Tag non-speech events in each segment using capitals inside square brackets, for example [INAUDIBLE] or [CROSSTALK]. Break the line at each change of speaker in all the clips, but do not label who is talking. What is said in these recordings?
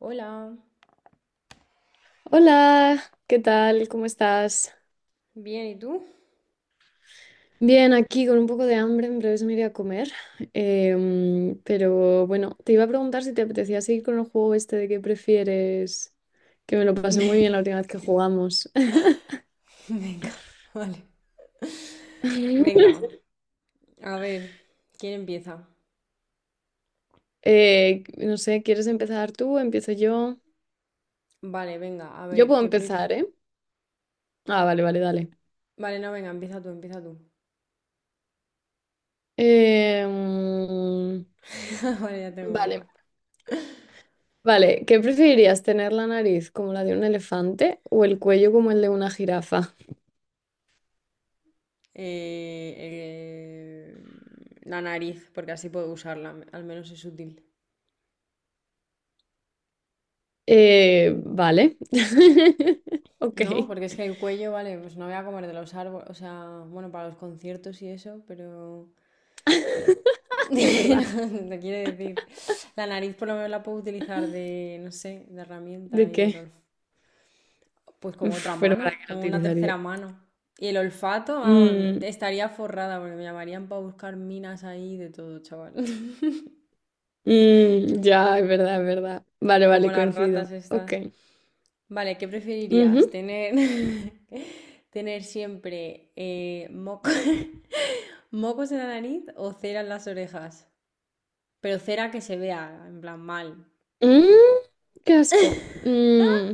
Hola,
Hola, ¿qué tal? ¿Cómo estás?
bien, ¿y tú?
Bien, aquí con un poco de hambre, en breves me iré a comer. Pero bueno, te iba a preguntar si te apetecía seguir con el juego este de qué prefieres, que me lo pasé muy bien la
[LAUGHS]
última vez que jugamos. [LAUGHS]
Venga, vale. Venga, a ver, ¿quién empieza?
No sé, ¿quieres empezar tú? ¿Empiezo yo?
Vale, venga, a
Yo
ver,
puedo empezar, ¿eh? Ah, vale, vale, dale.
Vale, no, venga, empieza tú, empieza tú.
Em,
[LAUGHS] Vale, ya tengo una.
vale, vale. ¿Qué preferirías, tener la nariz como la de un elefante o el cuello como el de una jirafa?
Eh, eh, la nariz, porque así puedo usarla, al menos es útil.
Vale. [LAUGHS] Ok.
No, porque
[LAUGHS]
es que el cuello, vale, pues no voy a comer de los árboles, o sea, bueno, para los conciertos y eso, pero... [LAUGHS]
Es verdad.
no, te quiere decir, la nariz por lo menos la puedo utilizar de, no sé, de herramienta
¿De
y del
qué?
olfato. Pues como otra
Uf, pero ¿para qué
mano, o
lo
una tercera
utilizaría?
mano. Y el olfato, vamos,
Mm,
estaría forrada, porque me llamarían para buscar minas ahí de todo, chaval. [LAUGHS]
mm, ya, es verdad, es verdad. Vale,
Como
vale,
las ratas
coincido. Ok.
estas. Vale, ¿qué preferirías?
Ujú.
¿Tener, [LAUGHS] tener siempre [LAUGHS] mocos en la nariz o cera en las orejas? Pero cera que se vea, en plan mal.
Mm, qué asco. Mm,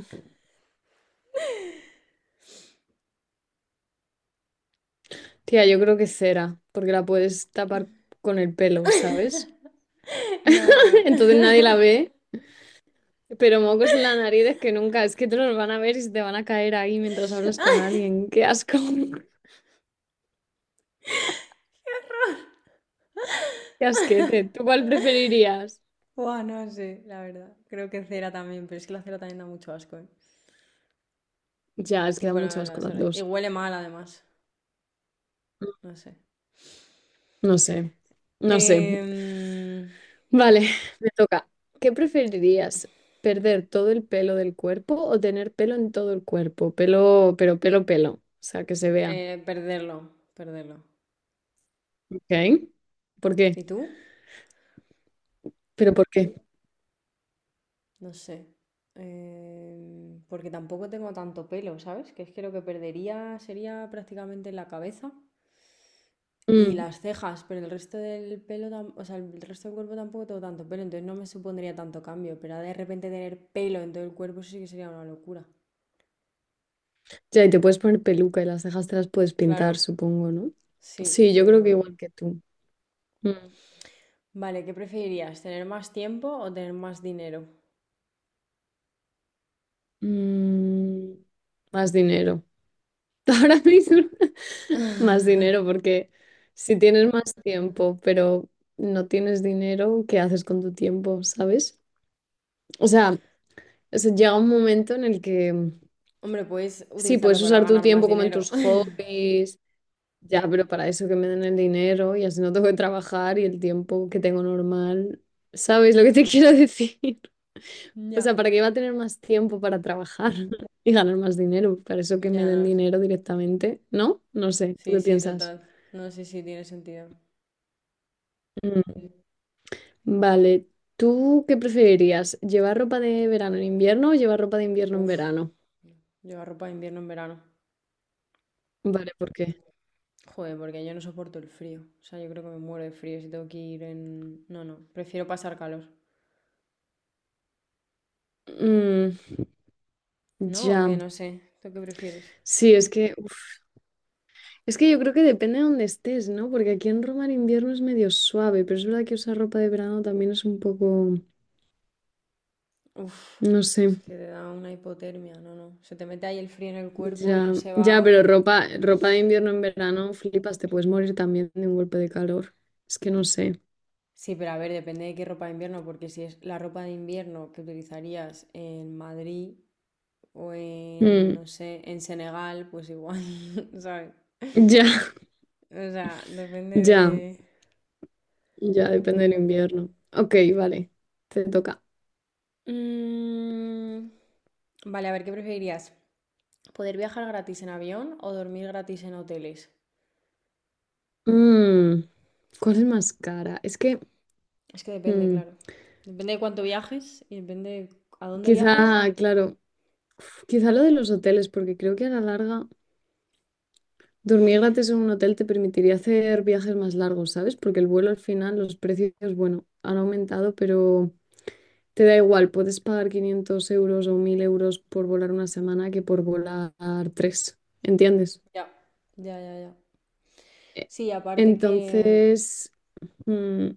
tía, yo creo que cera, porque la puedes tapar con el pelo, ¿sabes?
[LAUGHS] No,
[LAUGHS] Entonces nadie
no.
la
[LAUGHS]
ve, pero mocos en la nariz es que nunca, es que te los van a ver y se te van a caer ahí mientras hablas con alguien. Qué asco. Qué asquete. ¿Tú cuál preferirías?
Buah, no sé, la verdad. Creo que cera también, pero es que la cera también da mucho asco, ¿eh?
Ya, es que da
Tipo
mucho asco las
y
dos.
huele mal además. No sé.
No sé. No sé.
Em,
Vale, [LAUGHS] me toca. ¿Qué preferirías? ¿Perder todo el pelo del cuerpo o tener pelo en todo el cuerpo? Pelo, pero pelo, pelo. O sea, que se vea.
perderlo, perderlo.
¿Ok? ¿Por
¿Y
qué?
tú?
¿Pero por qué?
No sé. Em, porque tampoco tengo tanto pelo, ¿sabes? Que es que lo que perdería sería prácticamente la cabeza y
Mm.
las cejas, pero el resto del pelo, o sea, el resto del cuerpo tampoco tengo tanto pelo, entonces no me supondría tanto cambio, pero de repente tener pelo en todo el cuerpo eso sí que sería una locura.
Ya, y te puedes poner peluca y las cejas te las puedes pintar,
Claro,
supongo, ¿no?
sí,
Sí, yo creo que
pero...
igual que tú. Mm.
Vale, ¿qué preferirías? ¿Tener más tiempo o tener más dinero?
Mm, Más dinero. [LAUGHS] Ahora mismo más dinero, porque si tienes más tiempo, pero no tienes dinero, ¿qué haces con tu tiempo, sabes? O sea, se llega un momento en el que
Hombre, puedes
sí,
utilizarlo
puedes
para
usar tu
ganar más
tiempo como en
dinero.
tus
[LAUGHS]
hobbies, ya, pero para eso que me den el dinero y así no tengo que trabajar y el tiempo que tengo normal, ¿sabes lo que te [LAUGHS] quiero decir? O
Ya.
sea, ¿para qué iba a tener más tiempo para trabajar [LAUGHS] y ganar más dinero? Para eso que me
Ya no
den
es.
dinero directamente, ¿no? No sé, ¿tú
Sí,
qué
sí,
piensas?
total. No, sí, sí, tiene sentido.
Vale, ¿tú qué preferirías? ¿Llevar ropa de verano en invierno o llevar ropa de invierno en
Uf,
verano?
llevar ropa de invierno en verano.
Vale, ¿por qué?
Joder, porque yo no soporto el frío. O sea, yo creo que me muero de frío si tengo que ir en... No, no, prefiero pasar calor.
Mm,
¿No o qué?
ya.
No sé. ¿Tú qué prefieres?
Sí, es que, uf, es que yo creo que depende de dónde estés, ¿no? Porque aquí en Roma el invierno es medio suave, pero es verdad que usar ropa de verano también es un poco,
Uf,
no
es
sé,
que te da una hipotermia. No, no. Se te mete ahí el frío en el cuerpo y no
ya,
se
ya, pero
va...
ropa, ropa de invierno en verano, flipas, te puedes morir también de un golpe de calor. Es que no sé.
Sí, pero a ver, depende de qué ropa de invierno, porque si es la ropa de invierno que utilizarías en Madrid, o en,
Mm,
no sé, en Senegal, pues igual, [LAUGHS] ¿sabes?
ya, [LAUGHS]
O sea, depende
ya,
de...
ya, depende del invierno. Ok, vale, te toca.
Mm. Vale, a ver, ¿qué preferirías? ¿Poder viajar gratis en avión o dormir gratis en hoteles?
Mm, ¿cuál es más cara? Es que
Es que depende,
mm,
claro. Depende de cuánto viajes y depende de a dónde viajes y...
quizá,
de-
claro, uf, quizá lo de los hoteles, porque creo que a la larga dormir gratis en un hotel te permitiría hacer viajes más largos, ¿sabes? Porque el vuelo al final, los precios, bueno, han aumentado, pero te da igual, puedes pagar 500 € o 1.000 € por volar una semana que por volar tres, ¿entiendes?
Ya, ya, ya, ya.
E-
Sí, aparte que...
Entonces, mm,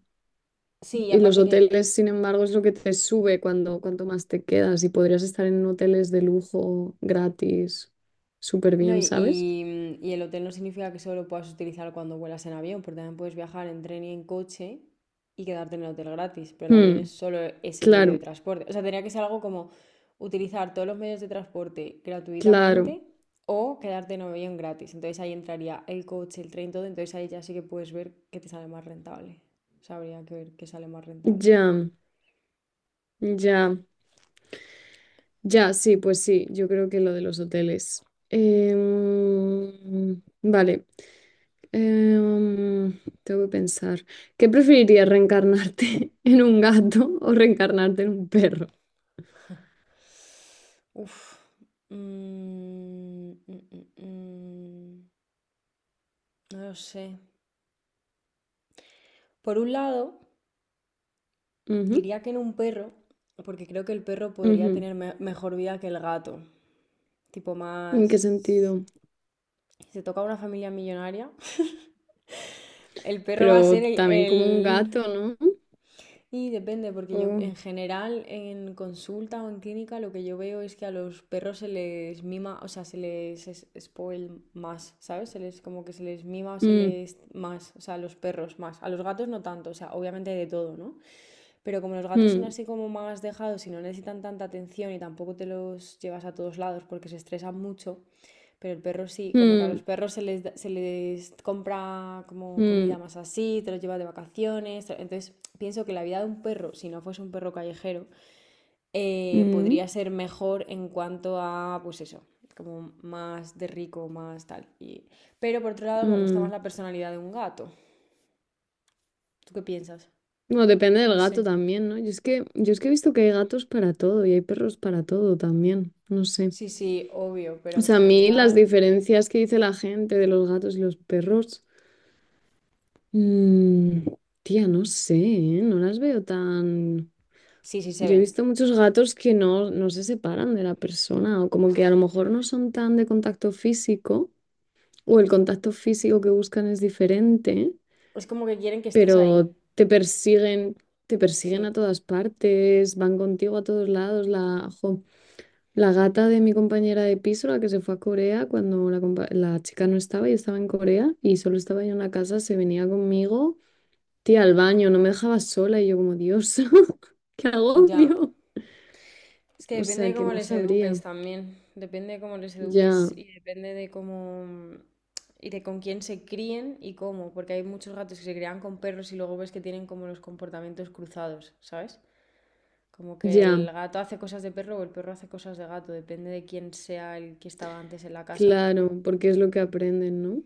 Sí, y
Y los
aparte que...
hoteles, sin embargo, es lo que te sube cuando cuanto más te quedas y podrías estar en hoteles de lujo gratis, súper
No, y,
bien, ¿sabes?
y- y el hotel no significa que solo lo puedas utilizar cuando vuelas en avión, porque también puedes viajar en tren y en coche y quedarte en el hotel gratis, pero el avión es
Hmm,
solo ese medio de
claro,
transporte. O sea, tendría que ser algo como utilizar todos los medios de transporte
claro,
gratuitamente o quedarte en avión gratis. Entonces ahí entraría el coche, el tren, todo, entonces ahí ya sí que puedes ver qué te sale más rentable. O sea, habría que ver qué sale más rentable.
ya, ya, ya, sí, pues sí, yo creo que lo de los hoteles. Vale, em, tengo que pensar. ¿Qué preferirías, reencarnarte [LAUGHS] en un gato o reencarnarte en un perro?
[LAUGHS] Uf. Mm, mm, mm, mm. No lo sé. Por un lado, diría que en un perro, porque creo que el perro
Ujú,
podría
ujú.
tener mejor vida que el gato. Tipo
¿En
más...
qué sentido?
Si te toca una familia millonaria, [LAUGHS] el perro va a
Pero
ser
también como un
el-
gato, ¿no?
Y depende, porque yo
O-
en general en consulta o en clínica lo que yo veo es que a los perros se les mima, o sea, se les spoil más, ¿sabes? Se les como que se les mima o se
mm,
les más, o sea, a los perros más. A los gatos no tanto, o sea, obviamente hay de todo, ¿no? Pero como los gatos son
mm,
así como más dejados y no necesitan tanta atención y tampoco te los llevas a todos lados porque se estresan mucho, pero el perro sí, como que a
mm,
los perros se les compra como comida
mm,
más así, te los llevas de vacaciones. Entonces pienso que la vida de un perro, si no fuese un perro callejero,
mm,
podría ser mejor en cuanto a, pues eso, como más de rico, más tal. Y... pero por otro lado me gusta más
mm.
la personalidad de un gato. ¿Tú qué piensas?
Bueno, depende del
No
gato
sé.
también, ¿no? Yo es que he visto que hay gatos para todo y hay perros para todo también, no sé.
Sí, sí, obvio, pero
O
en
sea, a mí las
general.
diferencias que dice la gente de los gatos y los perros, mm, tía, no sé, ¿eh? No las veo tan...
Sí, sí se
Yo he
ven.
visto muchos gatos que no, no se separan de la persona o como que a lo mejor no son tan de contacto físico. O el contacto físico que buscan es diferente,
Es como que quieren que estés ahí.
pero te persiguen
Sí,
a todas partes, van contigo a todos lados. La, jo, la gata de mi compañera de piso, la que se fue a Corea cuando la chica no estaba y estaba en Corea y solo estaba yo en la casa, se venía conmigo, tía, al baño, no me dejaba sola y yo como, Dios, [LAUGHS] qué
ya.
agobio.
Es que
O
depende de
sea que
cómo
no
les eduques
sabría.
también. Depende de cómo les
Ya,
eduques y depende de cómo. Y de con quién se críen y cómo. Porque hay muchos gatos que se crían con perros y luego ves que tienen como los comportamientos cruzados, ¿sabes? Como que
ya,
el gato hace cosas de perro o el perro hace cosas de gato. Depende de quién sea el que estaba antes en la casa.
claro, porque es lo que aprenden, ¿no?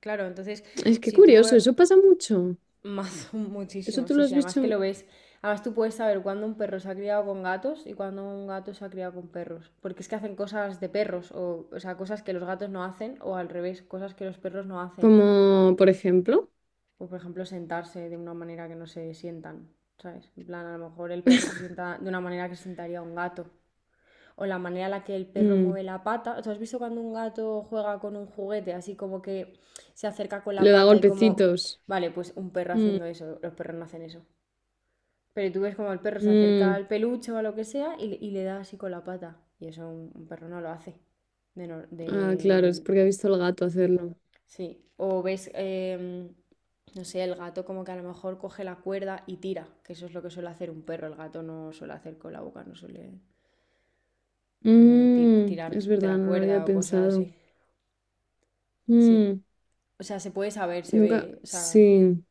Claro, entonces,
Es que
si tú...
curioso, eso pasa mucho.
Más, [LAUGHS]
¿Eso
muchísimo,
tú
sí,
lo has
sí, además que
visto
lo ves. Además tú puedes saber cuándo un perro se ha criado con gatos y cuándo un gato se ha criado con perros. Porque es que hacen cosas de perros, o sea, cosas que los gatos no hacen, o al revés, cosas que los perros no hacen.
como, por ejemplo?
O por ejemplo, sentarse de una manera que no se sientan, ¿sabes? En plan, a lo mejor el perro se
[LAUGHS]
sienta de una manera que se sentaría un gato. O la manera en la que el perro
Mm,
mueve la pata. ¿Tú has visto cuando un gato juega con un juguete, así como que se acerca con
Le
la
da
pata y como...
golpecitos.
Vale, pues un perro
Mm,
haciendo eso, los perros no hacen eso. Pero tú ves como el perro se acerca
mm.
al peluche o a lo que sea y le da así con la pata. Y eso un perro no lo hace. De, no-
Ah, claro, es
de-
porque ha visto al gato hacerlo.
Sí. O ves, em, no sé, el gato como que a lo mejor coge la cuerda y tira. Que eso es lo que suele hacer un perro. El gato no suele hacer con la boca, no suele como
Mm,
tirar
es
de
verdad,
la
no lo había
cuerda o cosas así.
pensado.
Sí.
Mm,
O sea, se puede saber, se ve,
nunca.
¿eh? O sea,
Sí,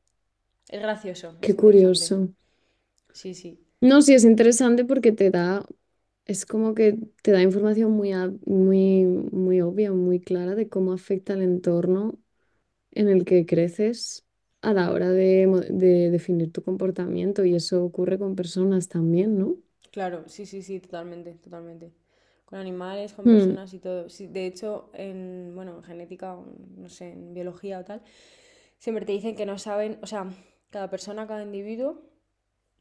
es gracioso,
qué
es interesante.
curioso.
Sí, sí.
No, sí, es interesante porque te da. Es como que te da información muy, muy, muy obvia, muy clara de cómo afecta el entorno en el que creces a la hora de definir tu comportamiento y eso ocurre con personas también, ¿no?
Claro, sí, sí, sí, totalmente, totalmente. Con animales, con
Mm,
personas y todo. Sí, de hecho, en, bueno, en genética, o en, no sé, en biología o tal, siempre te dicen que no saben, o sea, cada persona, cada individuo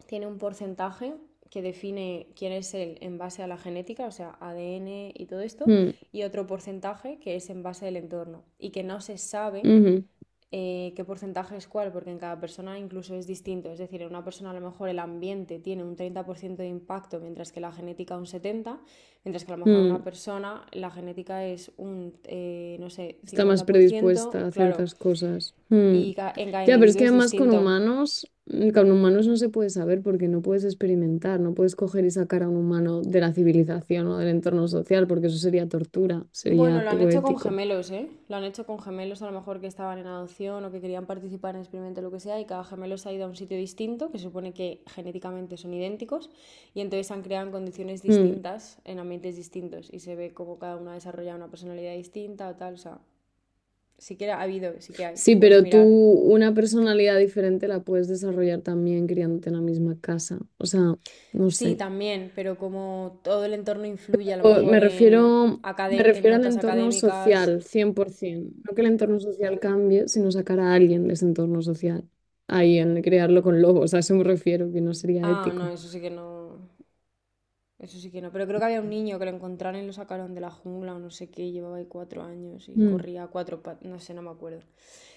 tiene un porcentaje que define quién es él en base a la genética, o sea, ADN y todo esto,
mm,
y otro porcentaje que es en base al entorno, y que no se sabe
ujú,
qué porcentaje es cuál, porque en cada persona incluso es distinto. Es decir, en una persona a lo mejor el ambiente tiene un 30% de impacto, mientras que la genética un 70%, mientras que a lo mejor en una
mm.
persona la genética es un, no sé,
Está más
50%
predispuesta a
claro,
ciertas cosas. Mm.
y en cada
Ya, pero es
individuo
que
es
además con
distinto.
humanos no se puede saber porque no puedes experimentar, no puedes coger y sacar a un humano de la civilización o del entorno social porque eso sería tortura, sería
Bueno, lo han
poco
hecho con
ético.
gemelos, ¿eh? Lo han hecho con gemelos, a lo mejor que estaban en adopción o que querían participar en el experimento, lo que sea, y cada gemelo se ha ido a un sitio distinto, que se supone que genéticamente son idénticos, y entonces se han creado en condiciones
Hmm.
distintas, en ambientes distintos, y se ve cómo cada uno ha desarrollado una personalidad distinta o tal, o sea, sí que ha habido, sí que hay,
Sí,
puedes
pero tú
mirar.
una personalidad diferente la puedes desarrollar también criándote en la misma casa. O sea, no
Sí,
sé.
también, pero como todo el entorno influye, a lo mejor
Me
en,
refiero,
en
al
notas
entorno
académicas.
social, 100%. No que el entorno social cambie, sino sacar a alguien de ese entorno social. Ahí, en crearlo con lobos, a eso me refiero, que no sería
Ah, no,
ético.
eso sí que no. Eso sí que no, pero creo que había un niño que lo encontraron y lo sacaron de la jungla o no sé qué, llevaba ahí 4 años y
Mm,
corría a cuatro patas, no sé, no me acuerdo.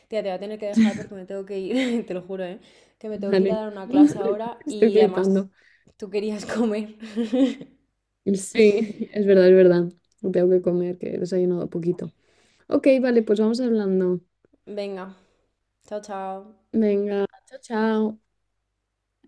Tía, te voy a tener que dejar porque me tengo que ir, [LAUGHS] te lo juro, ¿eh? Que me tengo que ir a
vale.
dar una clase
[LAUGHS]
ahora
Estoy
y además
flipando.
tú querías [LAUGHS] comer.
Sí, es verdad, es verdad. Tengo que comer, que he desayunado poquito. Ok, vale, pues vamos hablando.
Venga, chao, chao.
Venga, chao, chao.